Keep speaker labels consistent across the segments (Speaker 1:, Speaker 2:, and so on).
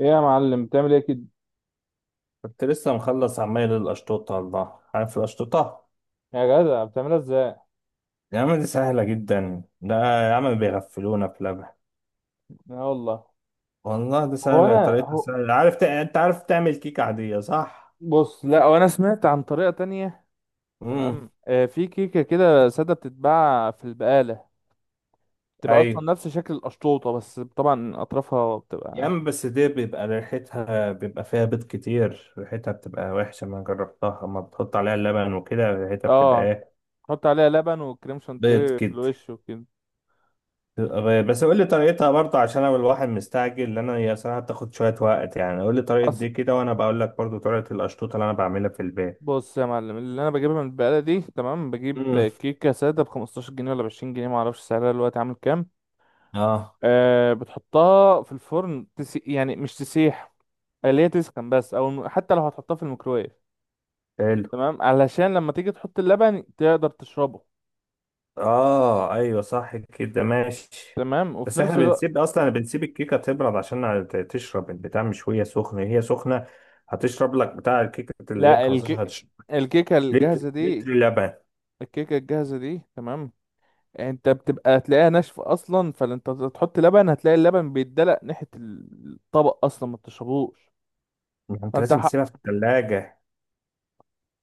Speaker 1: ايه يا معلم بتعمل ايه كده؟
Speaker 2: كنت لسه مخلص عمال الأشطوطة على البحر. عارف الأشطوطة؟
Speaker 1: يا جدع بتعملها ازاي؟
Speaker 2: يا عم دي سهلة جدا ده. يا عم بيغفلونا في لبن.
Speaker 1: لا والله.
Speaker 2: والله دي
Speaker 1: هو
Speaker 2: سهلة،
Speaker 1: انا
Speaker 2: طريقتها
Speaker 1: هو
Speaker 2: سهلة. عارف أنت عارف تعمل كيكة عادية، صح؟
Speaker 1: بص، لا هو انا سمعت عن طريقه تانية.
Speaker 2: امم.
Speaker 1: تمام. آه، في كيكه كده ساده بتتباع في البقاله. بتبقى اصلا
Speaker 2: أيوه.
Speaker 1: نفس شكل القشطوطه، بس طبعا اطرافها
Speaker 2: يا
Speaker 1: بتبقى.
Speaker 2: عم بس دي بيبقى ريحتها، بيبقى فيها بيض كتير، ريحتها بتبقى وحشة ما جربتها. أما بتحط عليها اللبن وكده ريحتها بتبقى
Speaker 1: اه،
Speaker 2: إيه؟
Speaker 1: تحط عليها لبن وكريم
Speaker 2: بيض
Speaker 1: شانتيه في
Speaker 2: كده.
Speaker 1: الوش وكده.
Speaker 2: بس قول لي طريقتها برضه، عشان انا الواحد مستعجل لان انا هي صراحه بتاخد شويه وقت، يعني قول لي طريقه
Speaker 1: أص...
Speaker 2: دي كده وانا بقول لك برضه طريقه القشطوطه اللي انا بعملها في البيت.
Speaker 1: بص يا معلم، اللي انا بجيبها من البقاله دي تمام. بجيب
Speaker 2: امم.
Speaker 1: كيكه ساده ب 15 جنيه ولا ب 20 جنيه. ما اعرفش سعرها دلوقتي عامل كام؟
Speaker 2: اه.
Speaker 1: آه، بتحطها في الفرن يعني مش تسيح. اللي هي تسخن بس، او حتى لو هتحطها في الميكرويف.
Speaker 2: حلو.
Speaker 1: تمام، علشان لما تيجي تحط اللبن تقدر تشربه.
Speaker 2: اه، ايوه، صح كده، ماشي.
Speaker 1: تمام، وفي
Speaker 2: بس احنا
Speaker 1: نفس الوقت.
Speaker 2: بنسيب اصلا، بنسيب الكيكه تبرد عشان تشرب البتاع، مش وهي سخنه. هي سخنه هتشرب لك بتاع الكيكه اللي هي ب
Speaker 1: لا
Speaker 2: 15، هتشرب
Speaker 1: الكيكه
Speaker 2: لتر
Speaker 1: الجاهزه
Speaker 2: لتر
Speaker 1: دي
Speaker 2: لبن.
Speaker 1: الكيكه الجاهزه دي تمام. انت بتبقى تلاقيها ناشفه اصلا، فانت تحط لبن هتلاقي اللبن بيتدلق ناحيه الطبق اصلا ما تشربوش.
Speaker 2: ما انت
Speaker 1: فانت
Speaker 2: لازم
Speaker 1: ح...
Speaker 2: تسيبها في الثلاجه.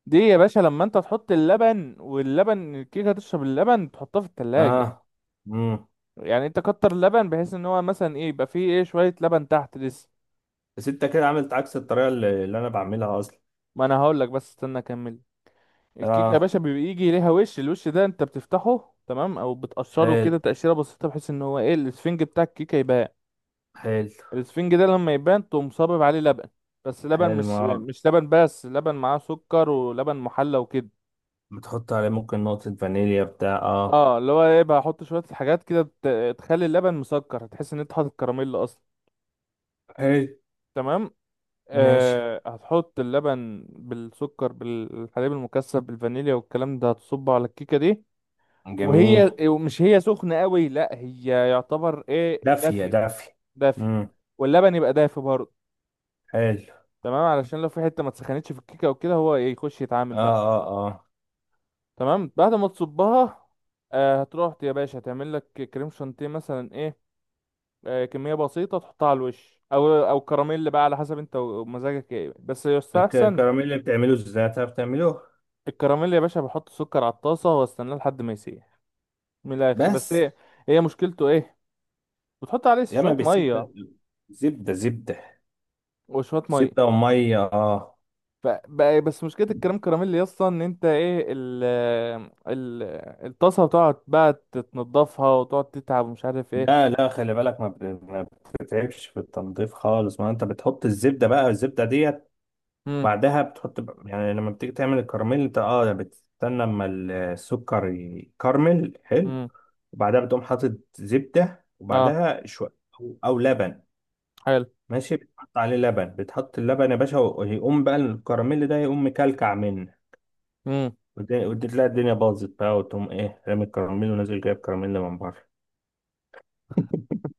Speaker 1: دي يا باشا، لما انت تحط اللبن واللبن الكيكه تشرب اللبن تحطها في التلاجة.
Speaker 2: اه. امم.
Speaker 1: يعني انت كتر اللبن بحيث ان هو مثلا ايه، يبقى فيه ايه شويه لبن تحت لسه.
Speaker 2: بس انت كده عملت عكس الطريقه اللي انا بعملها.
Speaker 1: ما انا هقول لك، بس استنى اكمل. الكيك يا
Speaker 2: اه.
Speaker 1: باشا بيبقى يجي ليها وش، الوش ده انت بتفتحه تمام او بتقشره
Speaker 2: حلو.
Speaker 1: كده تقشيره بسيطه، بحيث ان هو ايه الاسفنج بتاع الكيكه يبان.
Speaker 2: حلو.
Speaker 1: الاسفنج ده لما يبان تقوم صابب عليه لبن. بس لبن،
Speaker 2: حلو.
Speaker 1: مش
Speaker 2: ما
Speaker 1: مش لبن بس، لبن معاه سكر ولبن محلى وكده.
Speaker 2: بتحط عليه ممكن نقطة فانيليا بتاع اه
Speaker 1: اه، اللي هو ايه بقى احط شويه حاجات كده تخلي اللبن مسكر، هتحس ان انت حاطط كراميل اصلا.
Speaker 2: حلو.
Speaker 1: تمام.
Speaker 2: ماشي.
Speaker 1: آه، هتحط اللبن بالسكر بالحليب المكثف بالفانيليا، والكلام ده هتصبه على الكيكه دي.
Speaker 2: جميل.
Speaker 1: وهي ومش هي سخنة قوي، لا هي يعتبر ايه
Speaker 2: دافية
Speaker 1: دافية.
Speaker 2: دافية.
Speaker 1: دافية.
Speaker 2: امم.
Speaker 1: واللبن يبقى دافي برضه.
Speaker 2: حلو.
Speaker 1: تمام، علشان لو في حتة ما تسخنتش في الكيكة او كده هو إيه، يخش يتعامل
Speaker 2: اه.
Speaker 1: بقى.
Speaker 2: اه. اه.
Speaker 1: تمام، بعد ما تصبها. آه، هتروح يا باشا تعمل لك كريم شانتيه مثلا ايه. آه، كمية بسيطة تحطها على الوش، او كراميل بقى، على حسب انت ومزاجك ايه، بس يستحسن.
Speaker 2: الكراميل اللي بتعمله ازاي، تعرف تعمله؟
Speaker 1: الكراميل يا باشا بحط سكر على الطاسة واستناه لحد ما يسيح. من الاخر، بس
Speaker 2: بس.
Speaker 1: ايه، هي مشكلته ايه؟ بتحط عليه
Speaker 2: يا ما
Speaker 1: شوية مية،
Speaker 2: بالزبدة. زبدة زبدة.
Speaker 1: وشوية مية.
Speaker 2: زبدة ومية، اه.
Speaker 1: بس مشكلة الكريم كراميل يا اسطى ان انت ايه ال ال الطاسة بتقعد بقى تتنضفها وتقعد تتعب ومش عارف ايه.
Speaker 2: لا لا خلي بالك، ما بتتعبش في التنظيف خالص، ما انت بتحط الزبدة. بقى الزبدة دي
Speaker 1: امم.
Speaker 2: بعدها بتحط يعني لما بتيجي تعمل الكراميل انت بتستنى اما السكر يكرمل، حلو.
Speaker 1: امم.
Speaker 2: وبعدها بتقوم حاطط زبدة
Speaker 1: اه،
Speaker 2: وبعدها شوية، او لبن.
Speaker 1: حلو.
Speaker 2: ماشي. بتحط عليه لبن، بتحط اللبن يا باشا ويقوم بقى الكراميل ده يقوم مكلكع منه.
Speaker 1: امم.
Speaker 2: وتلاقي تلاقي الدنيا باظت بقى، وتقوم ايه رامي الكراميل ونازل جايب كراميل من بره.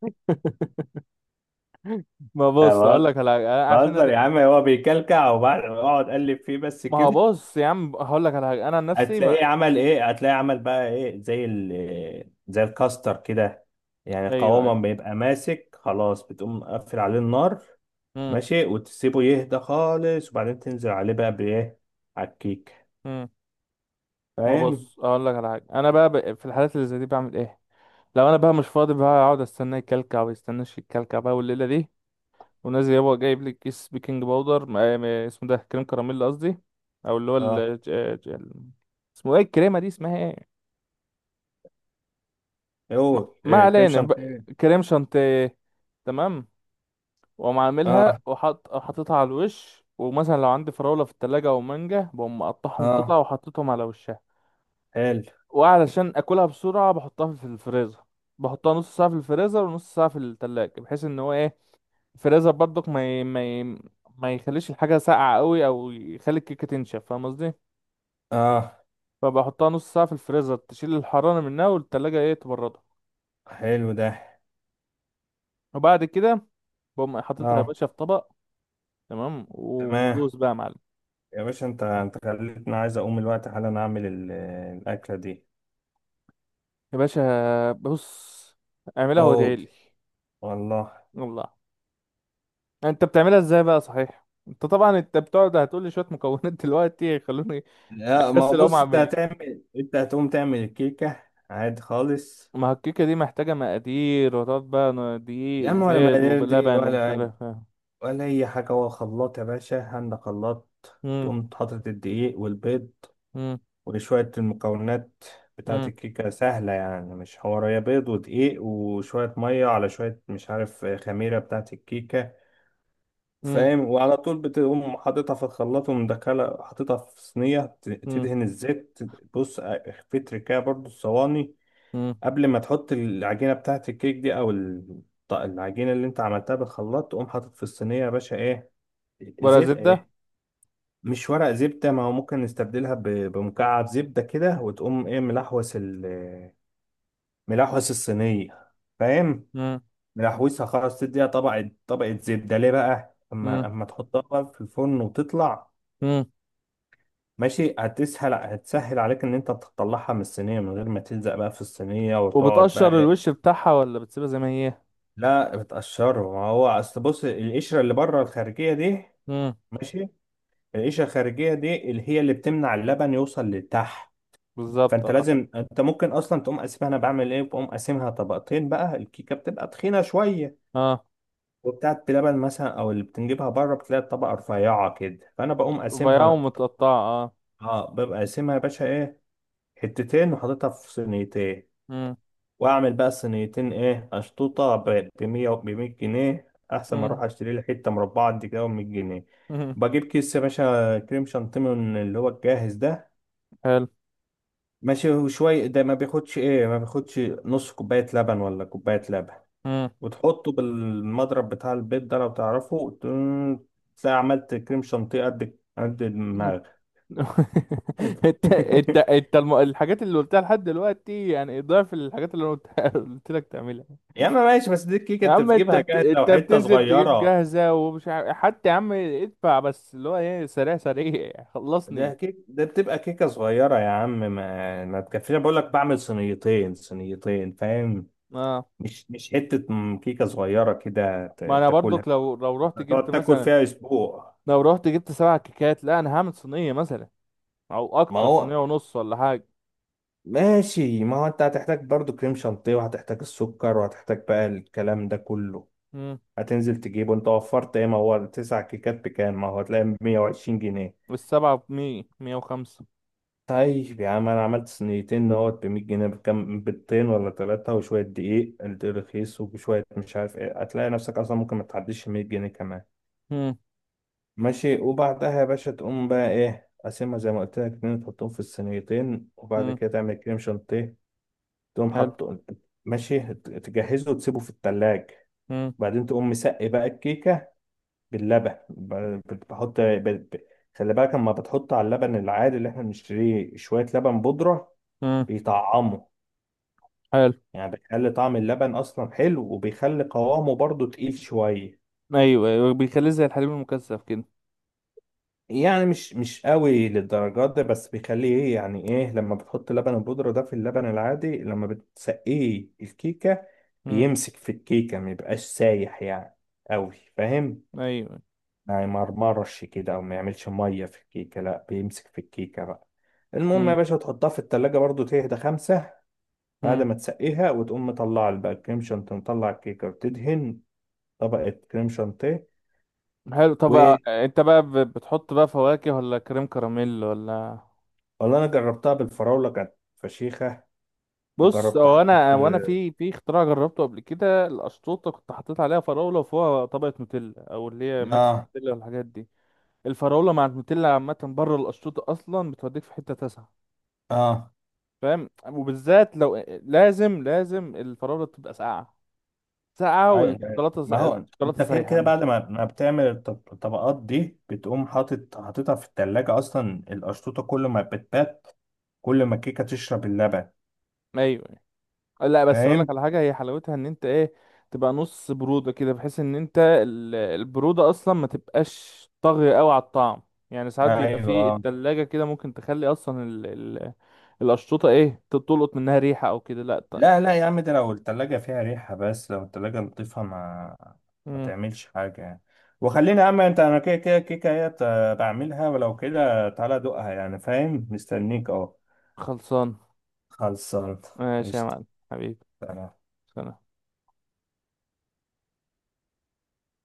Speaker 1: ما
Speaker 2: أنا
Speaker 1: بص، اقول
Speaker 2: بهزر.
Speaker 1: لك على حاجة أنا عشان
Speaker 2: بهزر يا
Speaker 1: أت...
Speaker 2: عم، هو بيكلكع وبعد اقعد اقلب فيه بس
Speaker 1: ما هو
Speaker 2: كده.
Speaker 1: بص يا عم، هقول لك على حاجة انا عن نفسي ما...
Speaker 2: هتلاقيه عمل ايه، هتلاقيه عمل بقى ايه، زي الكاستر كده. يعني
Speaker 1: ايوه،
Speaker 2: القوامة
Speaker 1: ايوه.
Speaker 2: ما بيبقى ماسك خلاص، بتقوم مقفل عليه النار.
Speaker 1: امم.
Speaker 2: ماشي. وتسيبه يهدى خالص، وبعدين تنزل عليه بقى بايه، على الكيك.
Speaker 1: امم. ما
Speaker 2: فاهم.
Speaker 1: بص، اقول لك على حاجة انا بقى في الحالات اللي زي دي بعمل ايه؟ لو انا بقى مش فاضي، بقى اقعد استناه يكلكع ويستناش يكلكع بقى والليلة دي. ونازل هو جايب لك كيس بيكنج باودر اسمه ده كريم كراميل قصدي. او اللي هو
Speaker 2: اه.
Speaker 1: ج- ال- اسمه ايه الكريمه دي، اسمها ايه؟ م-
Speaker 2: اوه
Speaker 1: ما
Speaker 2: إيه، كريم
Speaker 1: علينا،
Speaker 2: شانتيه.
Speaker 1: كريم شانتيه. تمام، واقوم عاملها
Speaker 2: اه.
Speaker 1: وحط حاططها على الوش، ومثلا لو عندي فراوله في التلاجة او مانجا بقوم مقطعهم قطع
Speaker 2: اه.
Speaker 1: وحطيتهم على وشها.
Speaker 2: حلو.
Speaker 1: وعلشان اكلها بسرعه بحطها في الفريزر. بحطها نص ساعه في الفريزر ونص ساعه في التلاجة، بحيث ان هو ايه، فريزر برضك ما يخليش الحاجة ساقعة قوي، او يخلي الكيكة تنشف، فاهم قصدي؟
Speaker 2: اه.
Speaker 1: فبحطها نص ساعة في الفريزر تشيل الحرارة منها، والتلاجة ايه تبردها.
Speaker 2: حلو ده.
Speaker 1: وبعد كده بقوم حاططها يا
Speaker 2: اه.
Speaker 1: باشا في طبق. تمام،
Speaker 2: تمام.
Speaker 1: ودوس بقى يا معلم.
Speaker 2: يا باشا، انت خليتني عايز اقوم الوقت حالا اعمل الاكلة دي.
Speaker 1: يا باشا بص، اعملها وادعي
Speaker 2: اوه.
Speaker 1: لي.
Speaker 2: والله.
Speaker 1: والله. انت بتعملها ازاي بقى، صحيح؟ انت طبعا انت بتقعد هتقول لي شوية مكونات دلوقتي، خلوني
Speaker 2: لا، ما هو
Speaker 1: اكسل اقوم
Speaker 2: بص،
Speaker 1: اعمل ايه.
Speaker 2: انت هتقوم تعمل الكيكة. عادي خالص.
Speaker 1: ما هو الكيكة دي محتاجة مقادير، وتقعد بقى دقيق
Speaker 2: يا عم ولا
Speaker 1: وبيض
Speaker 2: مقادير دي،
Speaker 1: ولبن ومش
Speaker 2: ولا
Speaker 1: عارف.
Speaker 2: ولا أي حاجة. هو خلاط يا باشا، عندك خلاط؟
Speaker 1: مم.
Speaker 2: تقوم حاطط الدقيق والبيض
Speaker 1: مم.
Speaker 2: وشوية المكونات بتاعة
Speaker 1: مم.
Speaker 2: الكيكة، سهلة يعني مش حوارية. بيض ودقيق وشوية مية على شوية مش عارف خميرة بتاعة الكيكة.
Speaker 1: مم.
Speaker 2: فاهم، وعلى طول بتقوم حاططها في الخلاط ومدخلة حاططها في صينية
Speaker 1: مم.
Speaker 2: تدهن الزيت. بص في تركاية برضو الصواني
Speaker 1: مم.
Speaker 2: قبل ما تحط العجينه بتاعه الكيك دي العجينه اللي انت عملتها بالخلاط، تقوم حاطط في الصينيه يا باشا ايه؟
Speaker 1: ورق
Speaker 2: زيت
Speaker 1: زبدة.
Speaker 2: إيه؟ مش ورق زبده. ما هو ممكن نستبدلها بمكعب زبده كده، وتقوم ايه ملحوس الصينيه. فاهم.
Speaker 1: مم.
Speaker 2: ملحوسها خلاص تديها طبقه طبقه زبده، ليه بقى؟
Speaker 1: مم.
Speaker 2: اما تحطها بقى في الفرن وتطلع
Speaker 1: مم.
Speaker 2: ماشي، هتسهل هتسهل عليك ان انت تطلعها من الصينيه من غير ما تلزق بقى في الصينيه، وتقعد
Speaker 1: وبتقشر
Speaker 2: بقى.
Speaker 1: الوش بتاعها ولا بتسيبها زي ما هي؟
Speaker 2: لا بتقشره، ما هو اصل بص القشره اللي بره الخارجيه دي.
Speaker 1: مم.
Speaker 2: ماشي. القشره الخارجيه دي اللي هي اللي بتمنع اللبن يوصل لتحت.
Speaker 1: بالظبط،
Speaker 2: فانت
Speaker 1: اه.
Speaker 2: لازم، انت ممكن اصلا تقوم قاسمها، انا بعمل ايه، بقوم قاسمها طبقتين بقى. الكيكه بتبقى تخينه شويه
Speaker 1: اه،
Speaker 2: وبتاعت بلبن مثلا، او اللي بتنجيبها بره بتلاقي الطبقه رفيعه كده، فانا بقوم
Speaker 1: رفيعة
Speaker 2: قاسمها.
Speaker 1: ومتقطعة، اه.
Speaker 2: اه، ببقى قاسمها يا باشا ايه، حتتين وحاططها في صينيتين.
Speaker 1: مم.
Speaker 2: واعمل بقى صينيتين ايه، اشطوطه ب 100، ب 100 جنيه، احسن ما
Speaker 1: مم.
Speaker 2: اروح اشتري لي حته مربعه قد كده ب 100 جنيه.
Speaker 1: مم.
Speaker 2: بجيب كيس يا باشا كريم شانتيه من اللي هو الجاهز ده.
Speaker 1: حلو.
Speaker 2: ماشي، وشويه ده ما بياخدش ايه، ما بياخدش نص كوبايه لبن ولا كوبايه لبن.
Speaker 1: مم.
Speaker 2: وتحطه بالمضرب بتاع البيض ده، لو تعرفه تلاقي عملت كريم شانتيه قد قد دماغك.
Speaker 1: انت انت انت الحاجات اللي قلتها لحد دلوقتي يعني ضعف الحاجات اللي انا قلتها. قلت لك تعملها.
Speaker 2: يا اما ماشي. بس دي الكيكه
Speaker 1: يا
Speaker 2: انت
Speaker 1: عم
Speaker 2: بتجيبها جاهزه
Speaker 1: انت
Speaker 2: وحته
Speaker 1: بتنزل تجيب
Speaker 2: صغيره.
Speaker 1: جاهزة ومش عارف، حتى يا عم ادفع بس اللي هو ايه سريع سريع
Speaker 2: ده
Speaker 1: خلصني.
Speaker 2: كيك ده بتبقى كيكة صغيرة يا عم ما تكفيش. أنا بقول لك بعمل صينيتين، صينيتين فاهم؟
Speaker 1: اه،
Speaker 2: مش كيكة صغيرة كده
Speaker 1: ما انا
Speaker 2: تاكلها،
Speaker 1: برضك لو رحت جبت
Speaker 2: تقعد تاكل
Speaker 1: مثلا.
Speaker 2: فيها أسبوع.
Speaker 1: لو رحت جبت سبع كيكات، لا، انا هعمل صينية مثلا، او
Speaker 2: ما
Speaker 1: اكتر،
Speaker 2: هو
Speaker 1: صينية ونص ولا حاجة.
Speaker 2: ماشي ما هو أنت هتحتاج برضو كريم شانتيه وهتحتاج السكر وهتحتاج بقى الكلام ده كله،
Speaker 1: امم.
Speaker 2: هتنزل تجيبه أنت. وفرت إيه؟ ما هو تسع كيكات بكام؟ ما هو هتلاقي 120 جنيه.
Speaker 1: والسبعة ب100، 105.
Speaker 2: طيب يا عم انا عملت صينيتين نقط ب 100 جنيه، بكام؟ بيضتين ولا ثلاثة وشوية دقيق رخيص وشوية مش عارف ايه، هتلاقي نفسك اصلا ممكن ما تعديش 100 جنيه كمان.
Speaker 1: امم.
Speaker 2: ماشي، وبعدها يا باشا تقوم بقى ايه، قاسمها زي ما قلت لك اتنين، تحطهم في الصينيتين، وبعد
Speaker 1: امم.
Speaker 2: كده تعمل كريم شانتيه تقوم
Speaker 1: حلو.
Speaker 2: حاطه. ماشي، تجهزه وتسيبه في التلاج
Speaker 1: امم.
Speaker 2: وبعدين تقوم مسقي بقى الكيكة باللبن، بحط ب- ب- خلي بالك اما بتحط على اللبن العادي اللي احنا بنشتريه شوية لبن بودرة.
Speaker 1: امم.
Speaker 2: بيطعموا،
Speaker 1: حلو.
Speaker 2: يعني بيخلي طعم اللبن اصلا حلو وبيخلي قوامه برضو تقيل شوية.
Speaker 1: ايوه، ايوه، بيخليه زي الحليب المكثف كده.
Speaker 2: يعني مش قوي للدرجات دي، بس بيخليه ايه، يعني ايه لما بتحط لبن البودرة ده في اللبن العادي لما بتسقيه الكيكة،
Speaker 1: امم.
Speaker 2: بيمسك في الكيكة ما يبقاش سايح يعني قوي، فاهم؟
Speaker 1: ايوه.
Speaker 2: يعني ما يمرمرش كده او ما يعملش مية في الكيكة، لا بيمسك في الكيكة بقى. المهم يا
Speaker 1: امم.
Speaker 2: باشا تحطها في التلاجة برضو تهدى خمسة، بعد
Speaker 1: امم.
Speaker 2: ما تسقيها وتقوم مطلع بقى الكريم شانتيه، مطلع الكيكة وتدهن طبقة كريم شانتيه.
Speaker 1: حلو. طب، آه.
Speaker 2: والله
Speaker 1: انت بقى بتحط بقى فواكه ولا كريم كراميل ولا؟
Speaker 2: انا جربتها بالفراوله كانت فشيخه.
Speaker 1: بص،
Speaker 2: وجربتها
Speaker 1: هو
Speaker 2: حطيت.
Speaker 1: انا وانا في اختراع جربته قبل كده. الاشطوطه كنت حطيت عليها فراوله وفوقها طبقه نوتيلا، او اللي هي ماكس
Speaker 2: اه.
Speaker 1: نوتيلا والحاجات دي. الفراوله مع النوتيلا عامه، بره الاشطوطه اصلا بتوديك في حته تسعه.
Speaker 2: اه.
Speaker 1: فاهم، وبالذات لو لازم لازم الفراوله تبقى ساقعه. ساقعه،
Speaker 2: أي- ما هو انت
Speaker 1: الشوكولاته
Speaker 2: كده
Speaker 1: سايحه
Speaker 2: كده بعد
Speaker 1: مش.
Speaker 2: ما بتعمل الطبقات دي بتقوم حاطط حاططها في التلاجة اصلا. القشطوطة كل ما بتبات كل ما الكيكة تشرب اللبن
Speaker 1: ايوه. لا، بس اقول لك
Speaker 2: فاهم؟
Speaker 1: على حاجه، هي حلاوتها ان انت ايه تبقى نص بروده كده، بحيث ان انت البروده اصلا ما تبقاش طاغيه قوي على الطعم. يعني ساعات بيبقى في
Speaker 2: ايوه.
Speaker 1: التلاجة كده، ممكن تخلي اصلا ال ال الاشطوطه ايه تلقط منها ريحه او كده، لا طن.
Speaker 2: لا لا يا عم، ده لو التلاجة فيها ريحة، بس لو التلاجة لطيفة ما ما
Speaker 1: مم.
Speaker 2: تعملش حاجة يعني. وخلينا يا عم انت، انا كده كده الكيكة هي بعملها، ولو كده تعالى دوقها يعني فاهم، مستنيك اهو.
Speaker 1: خلصان.
Speaker 2: خلصان.
Speaker 1: ماشي يا
Speaker 2: قشطة.
Speaker 1: معلم. حبيبي.
Speaker 2: سلام.
Speaker 1: سلام.